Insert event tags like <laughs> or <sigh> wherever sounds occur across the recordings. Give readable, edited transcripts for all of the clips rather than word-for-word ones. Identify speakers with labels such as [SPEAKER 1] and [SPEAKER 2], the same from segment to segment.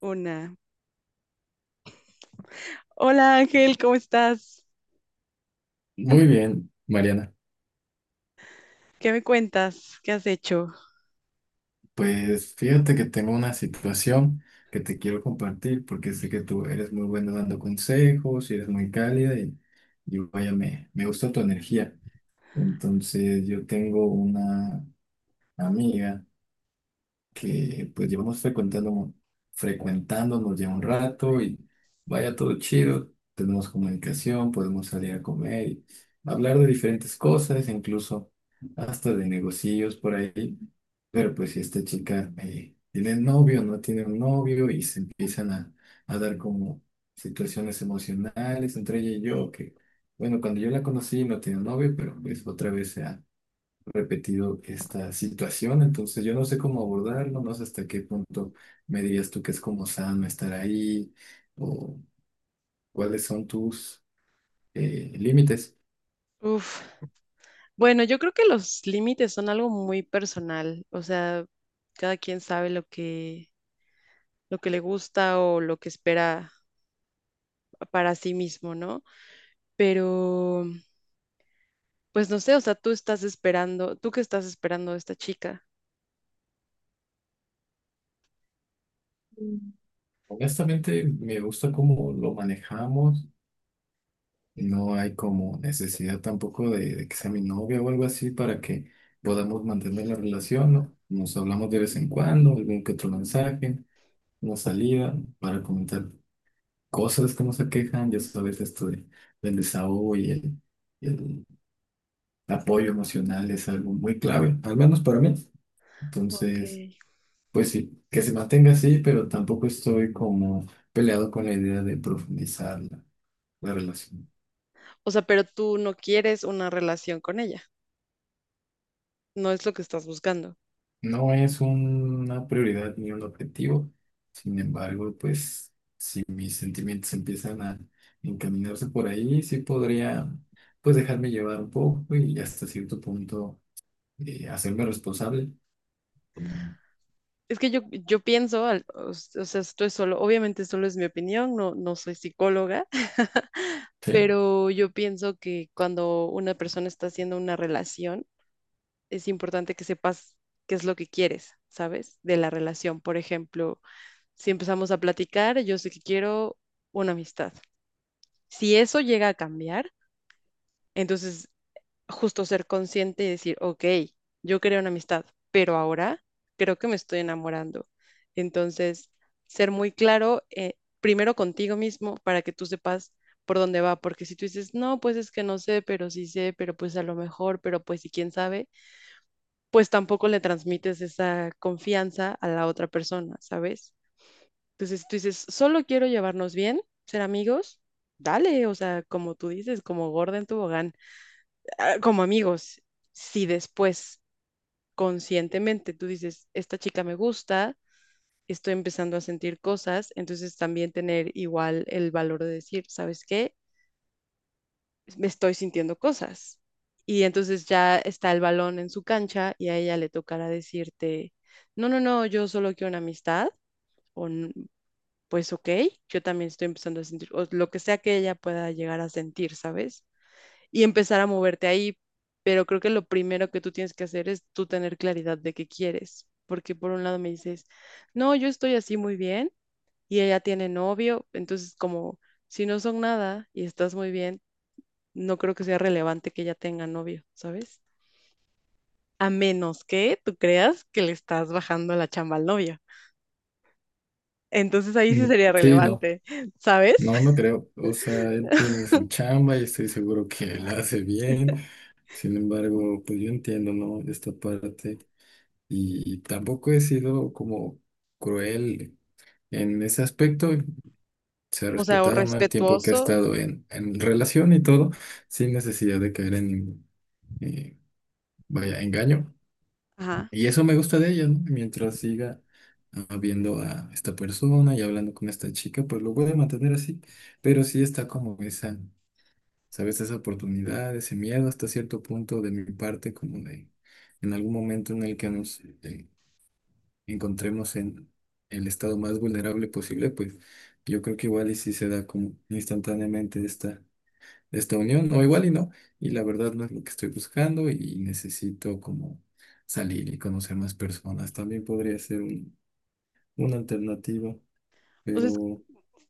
[SPEAKER 1] Una. Hola Ángel, ¿cómo estás?
[SPEAKER 2] Muy bien, Mariana.
[SPEAKER 1] ¿Qué me cuentas? ¿Qué has hecho?
[SPEAKER 2] Pues fíjate que tengo una situación que te quiero compartir porque sé que tú eres muy buena dando consejos y eres muy cálida y vaya, me gusta tu energía. Entonces yo tengo una amiga que pues llevamos frecuentándonos ya un rato y vaya todo chido, tenemos comunicación, podemos salir a comer y hablar de diferentes cosas, incluso hasta de negocios por ahí. Pero pues si esta chica tiene novio, no tiene un novio y se empiezan a dar como situaciones emocionales entre ella y yo, que bueno, cuando yo la conocí no tenía novio, pero pues otra vez se ha repetido esta situación, entonces yo no sé cómo abordarlo, no sé hasta qué punto me dirías tú que es como sano estar ahí o cuáles son tus límites.
[SPEAKER 1] Uf. Bueno, yo creo que los límites son algo muy personal. O sea, cada quien sabe lo que le gusta o lo que espera para sí mismo, ¿no? Pero, pues no sé, o sea, tú estás esperando, ¿tú qué estás esperando de esta chica?
[SPEAKER 2] Honestamente, me gusta cómo lo manejamos, no hay como necesidad tampoco de que sea mi novia o algo así para que podamos mantener la relación, ¿no? Nos hablamos de vez en cuando, algún que otro mensaje, una salida para comentar cosas, cómo se quejan, ya sabes, esto de- del desahogo y el apoyo emocional es algo muy clave, al menos para mí.
[SPEAKER 1] Ok.
[SPEAKER 2] Entonces, pues sí, que se mantenga así, pero tampoco estoy como peleado con la idea de profundizar la relación.
[SPEAKER 1] O sea, pero tú no quieres una relación con ella. No es lo que estás buscando.
[SPEAKER 2] No es una prioridad ni un objetivo, sin embargo, pues si mis sentimientos empiezan a encaminarse por ahí, sí podría pues dejarme llevar un poco y hasta cierto punto hacerme responsable.
[SPEAKER 1] Es que yo pienso, o sea, esto es solo, obviamente solo es mi opinión, no, no soy psicóloga, <laughs>
[SPEAKER 2] Sí.
[SPEAKER 1] pero yo pienso que cuando una persona está haciendo una relación, es importante que sepas qué es lo que quieres, ¿sabes? De la relación. Por ejemplo, si empezamos a platicar, yo sé que quiero una amistad. Si eso llega a cambiar, entonces justo ser consciente y decir, ok, yo quería una amistad, pero ahora creo que me estoy enamorando. Entonces, ser muy claro, primero contigo mismo, para que tú sepas por dónde va, porque si tú dices, no, pues es que no sé, pero sí sé, pero pues a lo mejor, pero pues y quién sabe, pues tampoco le transmites esa confianza a la otra persona, ¿sabes? Entonces, tú dices, solo quiero llevarnos bien, ser amigos, dale, o sea, como tú dices, como gorda en tobogán, como amigos, si después conscientemente tú dices, esta chica me gusta, estoy empezando a sentir cosas, entonces también tener igual el valor de decir, ¿sabes qué? Me estoy sintiendo cosas. Y entonces ya está el balón en su cancha y a ella le tocará decirte, no, no, no, yo solo quiero una amistad, o "N- pues ok, yo también estoy empezando a sentir, o lo que sea que ella pueda llegar a sentir, ¿sabes? Y empezar a moverte ahí. Pero creo que lo primero que tú tienes que hacer es tú tener claridad de qué quieres. Porque por un lado me dices, no, yo estoy así muy bien y ella tiene novio. Entonces, como si no son nada y estás muy bien, no creo que sea relevante que ella tenga novio, ¿sabes? A menos que tú creas que le estás bajando la chamba al novio. Entonces ahí sí
[SPEAKER 2] Mm.
[SPEAKER 1] sería
[SPEAKER 2] Sí, no,
[SPEAKER 1] relevante, ¿sabes?
[SPEAKER 2] no, no
[SPEAKER 1] <laughs>
[SPEAKER 2] creo. O sea, él tiene su chamba y estoy seguro que la hace bien. Sin embargo, pues yo entiendo, ¿no? Esta parte. Y tampoco he sido como cruel en ese aspecto. Se ha
[SPEAKER 1] O sea, o
[SPEAKER 2] respetado, ¿no? El tiempo que ha
[SPEAKER 1] respetuoso.
[SPEAKER 2] estado en relación y todo, sin necesidad de caer en, eh, vaya, engaño.
[SPEAKER 1] Ajá.
[SPEAKER 2] Y eso me gusta de ella, ¿no? Mientras siga viendo a esta persona y hablando con esta chica, pues lo voy a mantener así. Pero sí está como esa, ¿sabes? Esa oportunidad, ese miedo hasta cierto punto de mi parte, como de en algún momento en el que nos encontremos en el estado más vulnerable posible, pues yo creo que igual y si se da como instantáneamente esta de esta unión, o igual y no, y la verdad no es lo que estoy buscando y necesito como salir y conocer más personas. También podría ser un- una alternativa,
[SPEAKER 1] O sea,
[SPEAKER 2] pero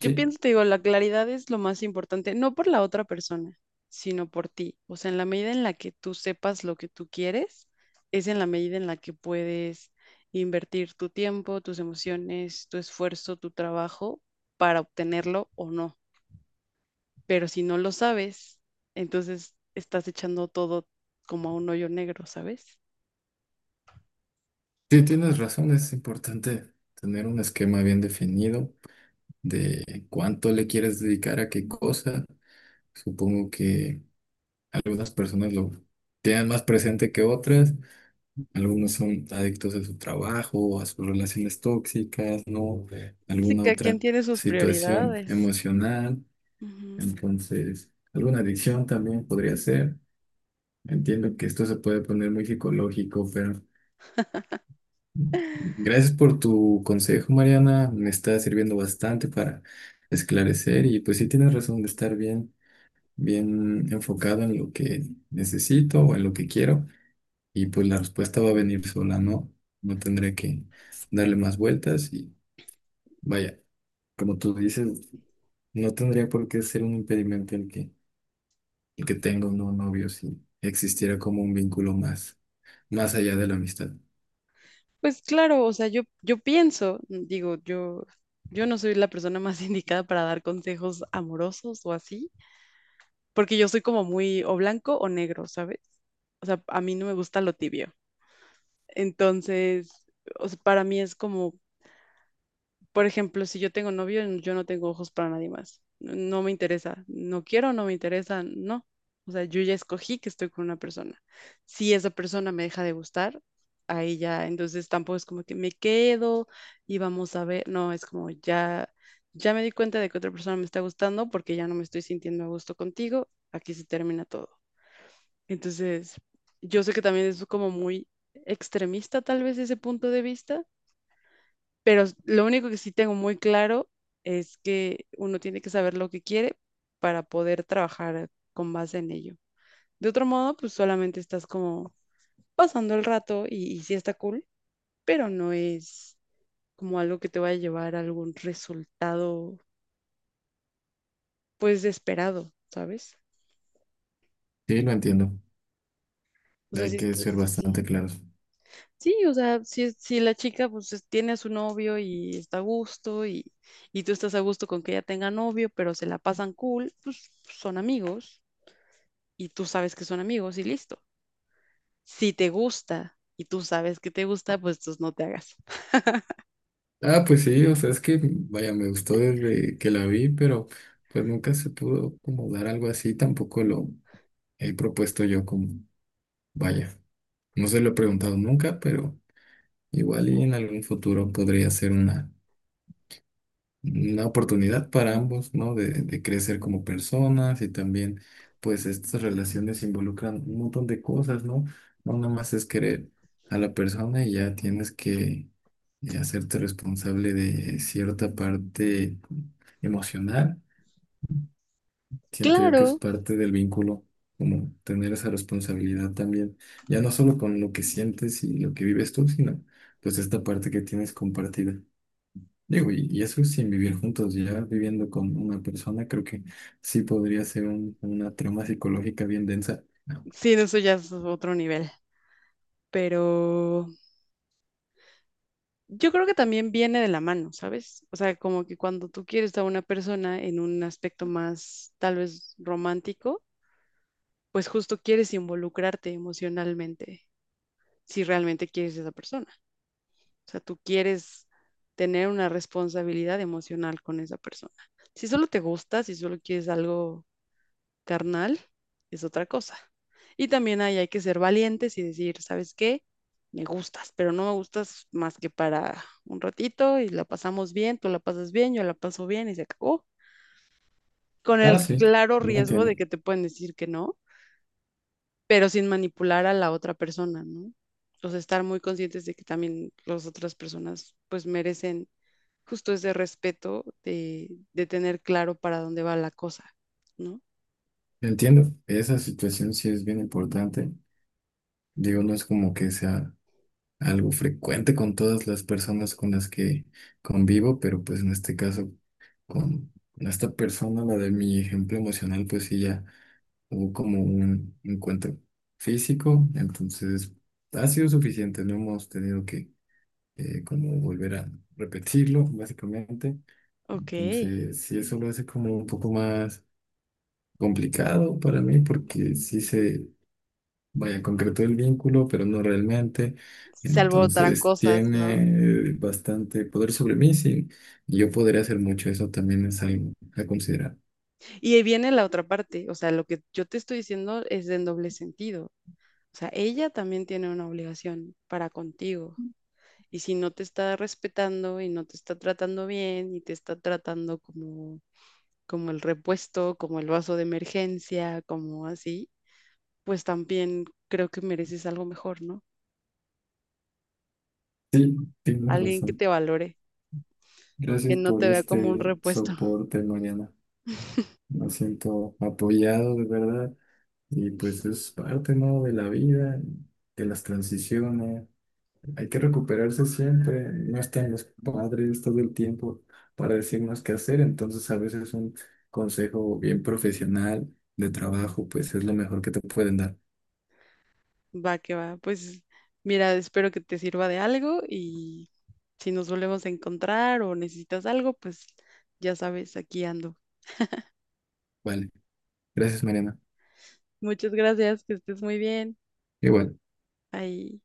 [SPEAKER 1] yo
[SPEAKER 2] sí,
[SPEAKER 1] pienso, te digo, la claridad es lo más importante, no por la otra persona, sino por ti. O sea, en la medida en la que tú sepas lo que tú quieres, es en la medida en la que puedes invertir tu tiempo, tus emociones, tu esfuerzo, tu trabajo para obtenerlo o no. Pero si no lo sabes, entonces estás echando todo como a un hoyo negro, ¿sabes?
[SPEAKER 2] sí tienes razón, es importante tener un esquema bien definido de cuánto le quieres dedicar a qué cosa. Supongo que algunas personas lo tienen más presente que otras. Algunos son adictos a su trabajo, a sus relaciones tóxicas, ¿no?
[SPEAKER 1] Sí,
[SPEAKER 2] Alguna
[SPEAKER 1] cada
[SPEAKER 2] otra
[SPEAKER 1] quien tiene sus
[SPEAKER 2] situación
[SPEAKER 1] prioridades.
[SPEAKER 2] emocional.
[SPEAKER 1] Ujú.
[SPEAKER 2] Entonces, alguna adicción también podría ser. Entiendo que esto se puede poner muy psicológico, pero gracias por tu consejo, Mariana. Me está sirviendo bastante para esclarecer y pues sí tienes razón de estar bien, bien enfocado en lo que necesito o en lo que quiero. Y pues la respuesta va a venir sola, ¿no? No tendré que darle más vueltas y vaya, como tú dices, no tendría por qué ser un impedimento el que tenga un nuevo novio si existiera como un vínculo más, más allá de la amistad.
[SPEAKER 1] Pues claro, o sea, yo pienso, digo, yo no soy la persona más <laughs> indicada para dar consejos amorosos o así, porque yo soy como muy o blanco o negro, ¿sabes? O sea, a mí no me gusta lo tibio. Entonces, o sea, para mí es como por ejemplo, si yo tengo novio, yo no tengo ojos para nadie más. No me interesa. No quiero, no me interesa, no. O sea, yo ya escogí que estoy con una persona. Si esa persona me deja de gustar, ahí ya, entonces tampoco es como que me quedo y vamos a ver. No, es como ya, ya me di cuenta de que otra persona me está gustando porque ya no me estoy sintiendo a gusto contigo. Aquí se termina todo. Entonces, yo sé que también es como muy extremista tal vez ese punto de vista, pero lo único que sí tengo muy claro es que uno tiene que saber lo que quiere para poder trabajar con base en ello. De otro modo, pues solamente estás como pasando el rato y sí está cool, pero no es como algo que te vaya a llevar a algún resultado pues esperado, ¿sabes?
[SPEAKER 2] Sí, lo entiendo.
[SPEAKER 1] O sea, sí,
[SPEAKER 2] Hay que ser
[SPEAKER 1] sí, sí.
[SPEAKER 2] bastante claros.
[SPEAKER 1] Sí, o sea, si la chica pues tiene a su novio y está a gusto y tú estás a gusto con que ella tenga novio, pero se la pasan cool, pues son amigos. Y tú sabes que son amigos y listo. Si te gusta y tú sabes que te gusta, pues tú no te hagas.
[SPEAKER 2] Ah, pues sí, o sea, es que, vaya, me gustó desde que la vi, pero pues nunca se pudo como dar algo así, tampoco lo he propuesto yo como, vaya, no se lo he preguntado nunca, pero... Igual y en algún futuro podría ser una oportunidad para ambos, ¿no? De crecer como personas y también, pues, estas relaciones involucran un montón de cosas, ¿no? No nada más es querer a la persona y ya tienes que hacerte responsable de cierta parte emocional. Siento yo que es
[SPEAKER 1] Claro,
[SPEAKER 2] parte del vínculo, como tener esa responsabilidad también, ya no solo con lo que sientes y lo que vives tú, sino pues esta parte que tienes compartida. Digo, y eso sin vivir juntos, ya viviendo con una persona, creo que sí podría ser un- una trama psicológica bien densa.
[SPEAKER 1] sí, eso ya es otro nivel, pero yo creo que también viene de la mano, ¿sabes? O sea, como que cuando tú quieres a una persona en un aspecto más tal vez romántico, pues justo quieres involucrarte emocionalmente si realmente quieres a esa persona. O sea, tú quieres tener una responsabilidad emocional con esa persona. Si solo te gusta, si solo quieres algo carnal, es otra cosa. Y también ahí hay que ser valientes y decir, ¿sabes qué? Me gustas, pero no me gustas más que para un ratito y la pasamos bien, tú la pasas bien, yo la paso bien y se acabó. Con el
[SPEAKER 2] Ah, sí,
[SPEAKER 1] claro
[SPEAKER 2] lo
[SPEAKER 1] riesgo de
[SPEAKER 2] entiendo.
[SPEAKER 1] que te pueden decir que no, pero sin manipular a la otra persona, ¿no? O sea, estar muy conscientes de que también las otras personas pues merecen justo ese respeto de tener claro para dónde va la cosa, ¿no?
[SPEAKER 2] Entiendo, esa situación sí es bien importante. Digo, no es como que sea algo frecuente con todas las personas con las que convivo, pero pues en este caso con esta persona, la de mi ejemplo emocional, pues sí ya hubo como un encuentro físico, entonces ha sido suficiente, no hemos tenido que como volver a repetirlo, básicamente.
[SPEAKER 1] Ok,
[SPEAKER 2] Entonces, sí, eso lo hace como un poco más complicado para mí, porque sí se, vaya, concretó el vínculo, pero no realmente.
[SPEAKER 1] se alborotarán
[SPEAKER 2] Entonces,
[SPEAKER 1] cosas, ¿no?
[SPEAKER 2] tiene bastante poder sobre mí, sí, y yo podría hacer mucho, eso también es algo a considerar.
[SPEAKER 1] Y ahí viene la otra parte, o sea, lo que yo te estoy diciendo es de doble sentido. O sea, ella también tiene una obligación para contigo. Y si no te está respetando y no te está tratando bien y te está tratando como, como el repuesto, como el vaso de emergencia, como así, pues también creo que mereces algo mejor, ¿no?
[SPEAKER 2] Sí, tienes
[SPEAKER 1] Alguien que
[SPEAKER 2] razón.
[SPEAKER 1] te valore, que
[SPEAKER 2] Gracias
[SPEAKER 1] no
[SPEAKER 2] por
[SPEAKER 1] te vea como un
[SPEAKER 2] este
[SPEAKER 1] repuesto.
[SPEAKER 2] soporte, Mariana. Me siento apoyado, de verdad. Y pues es parte, ¿no? De la vida, de las transiciones. Hay que recuperarse siempre. No están los padres todo el tiempo para decirnos qué hacer. Entonces, a veces un consejo bien profesional de trabajo, pues es lo mejor que te pueden dar.
[SPEAKER 1] Va que va. Pues mira, espero que te sirva de algo y si nos volvemos a encontrar o necesitas algo, pues ya sabes, aquí ando.
[SPEAKER 2] Vale. Gracias, Mariana.
[SPEAKER 1] Muchas gracias, que estés muy bien.
[SPEAKER 2] Igual.
[SPEAKER 1] Ahí.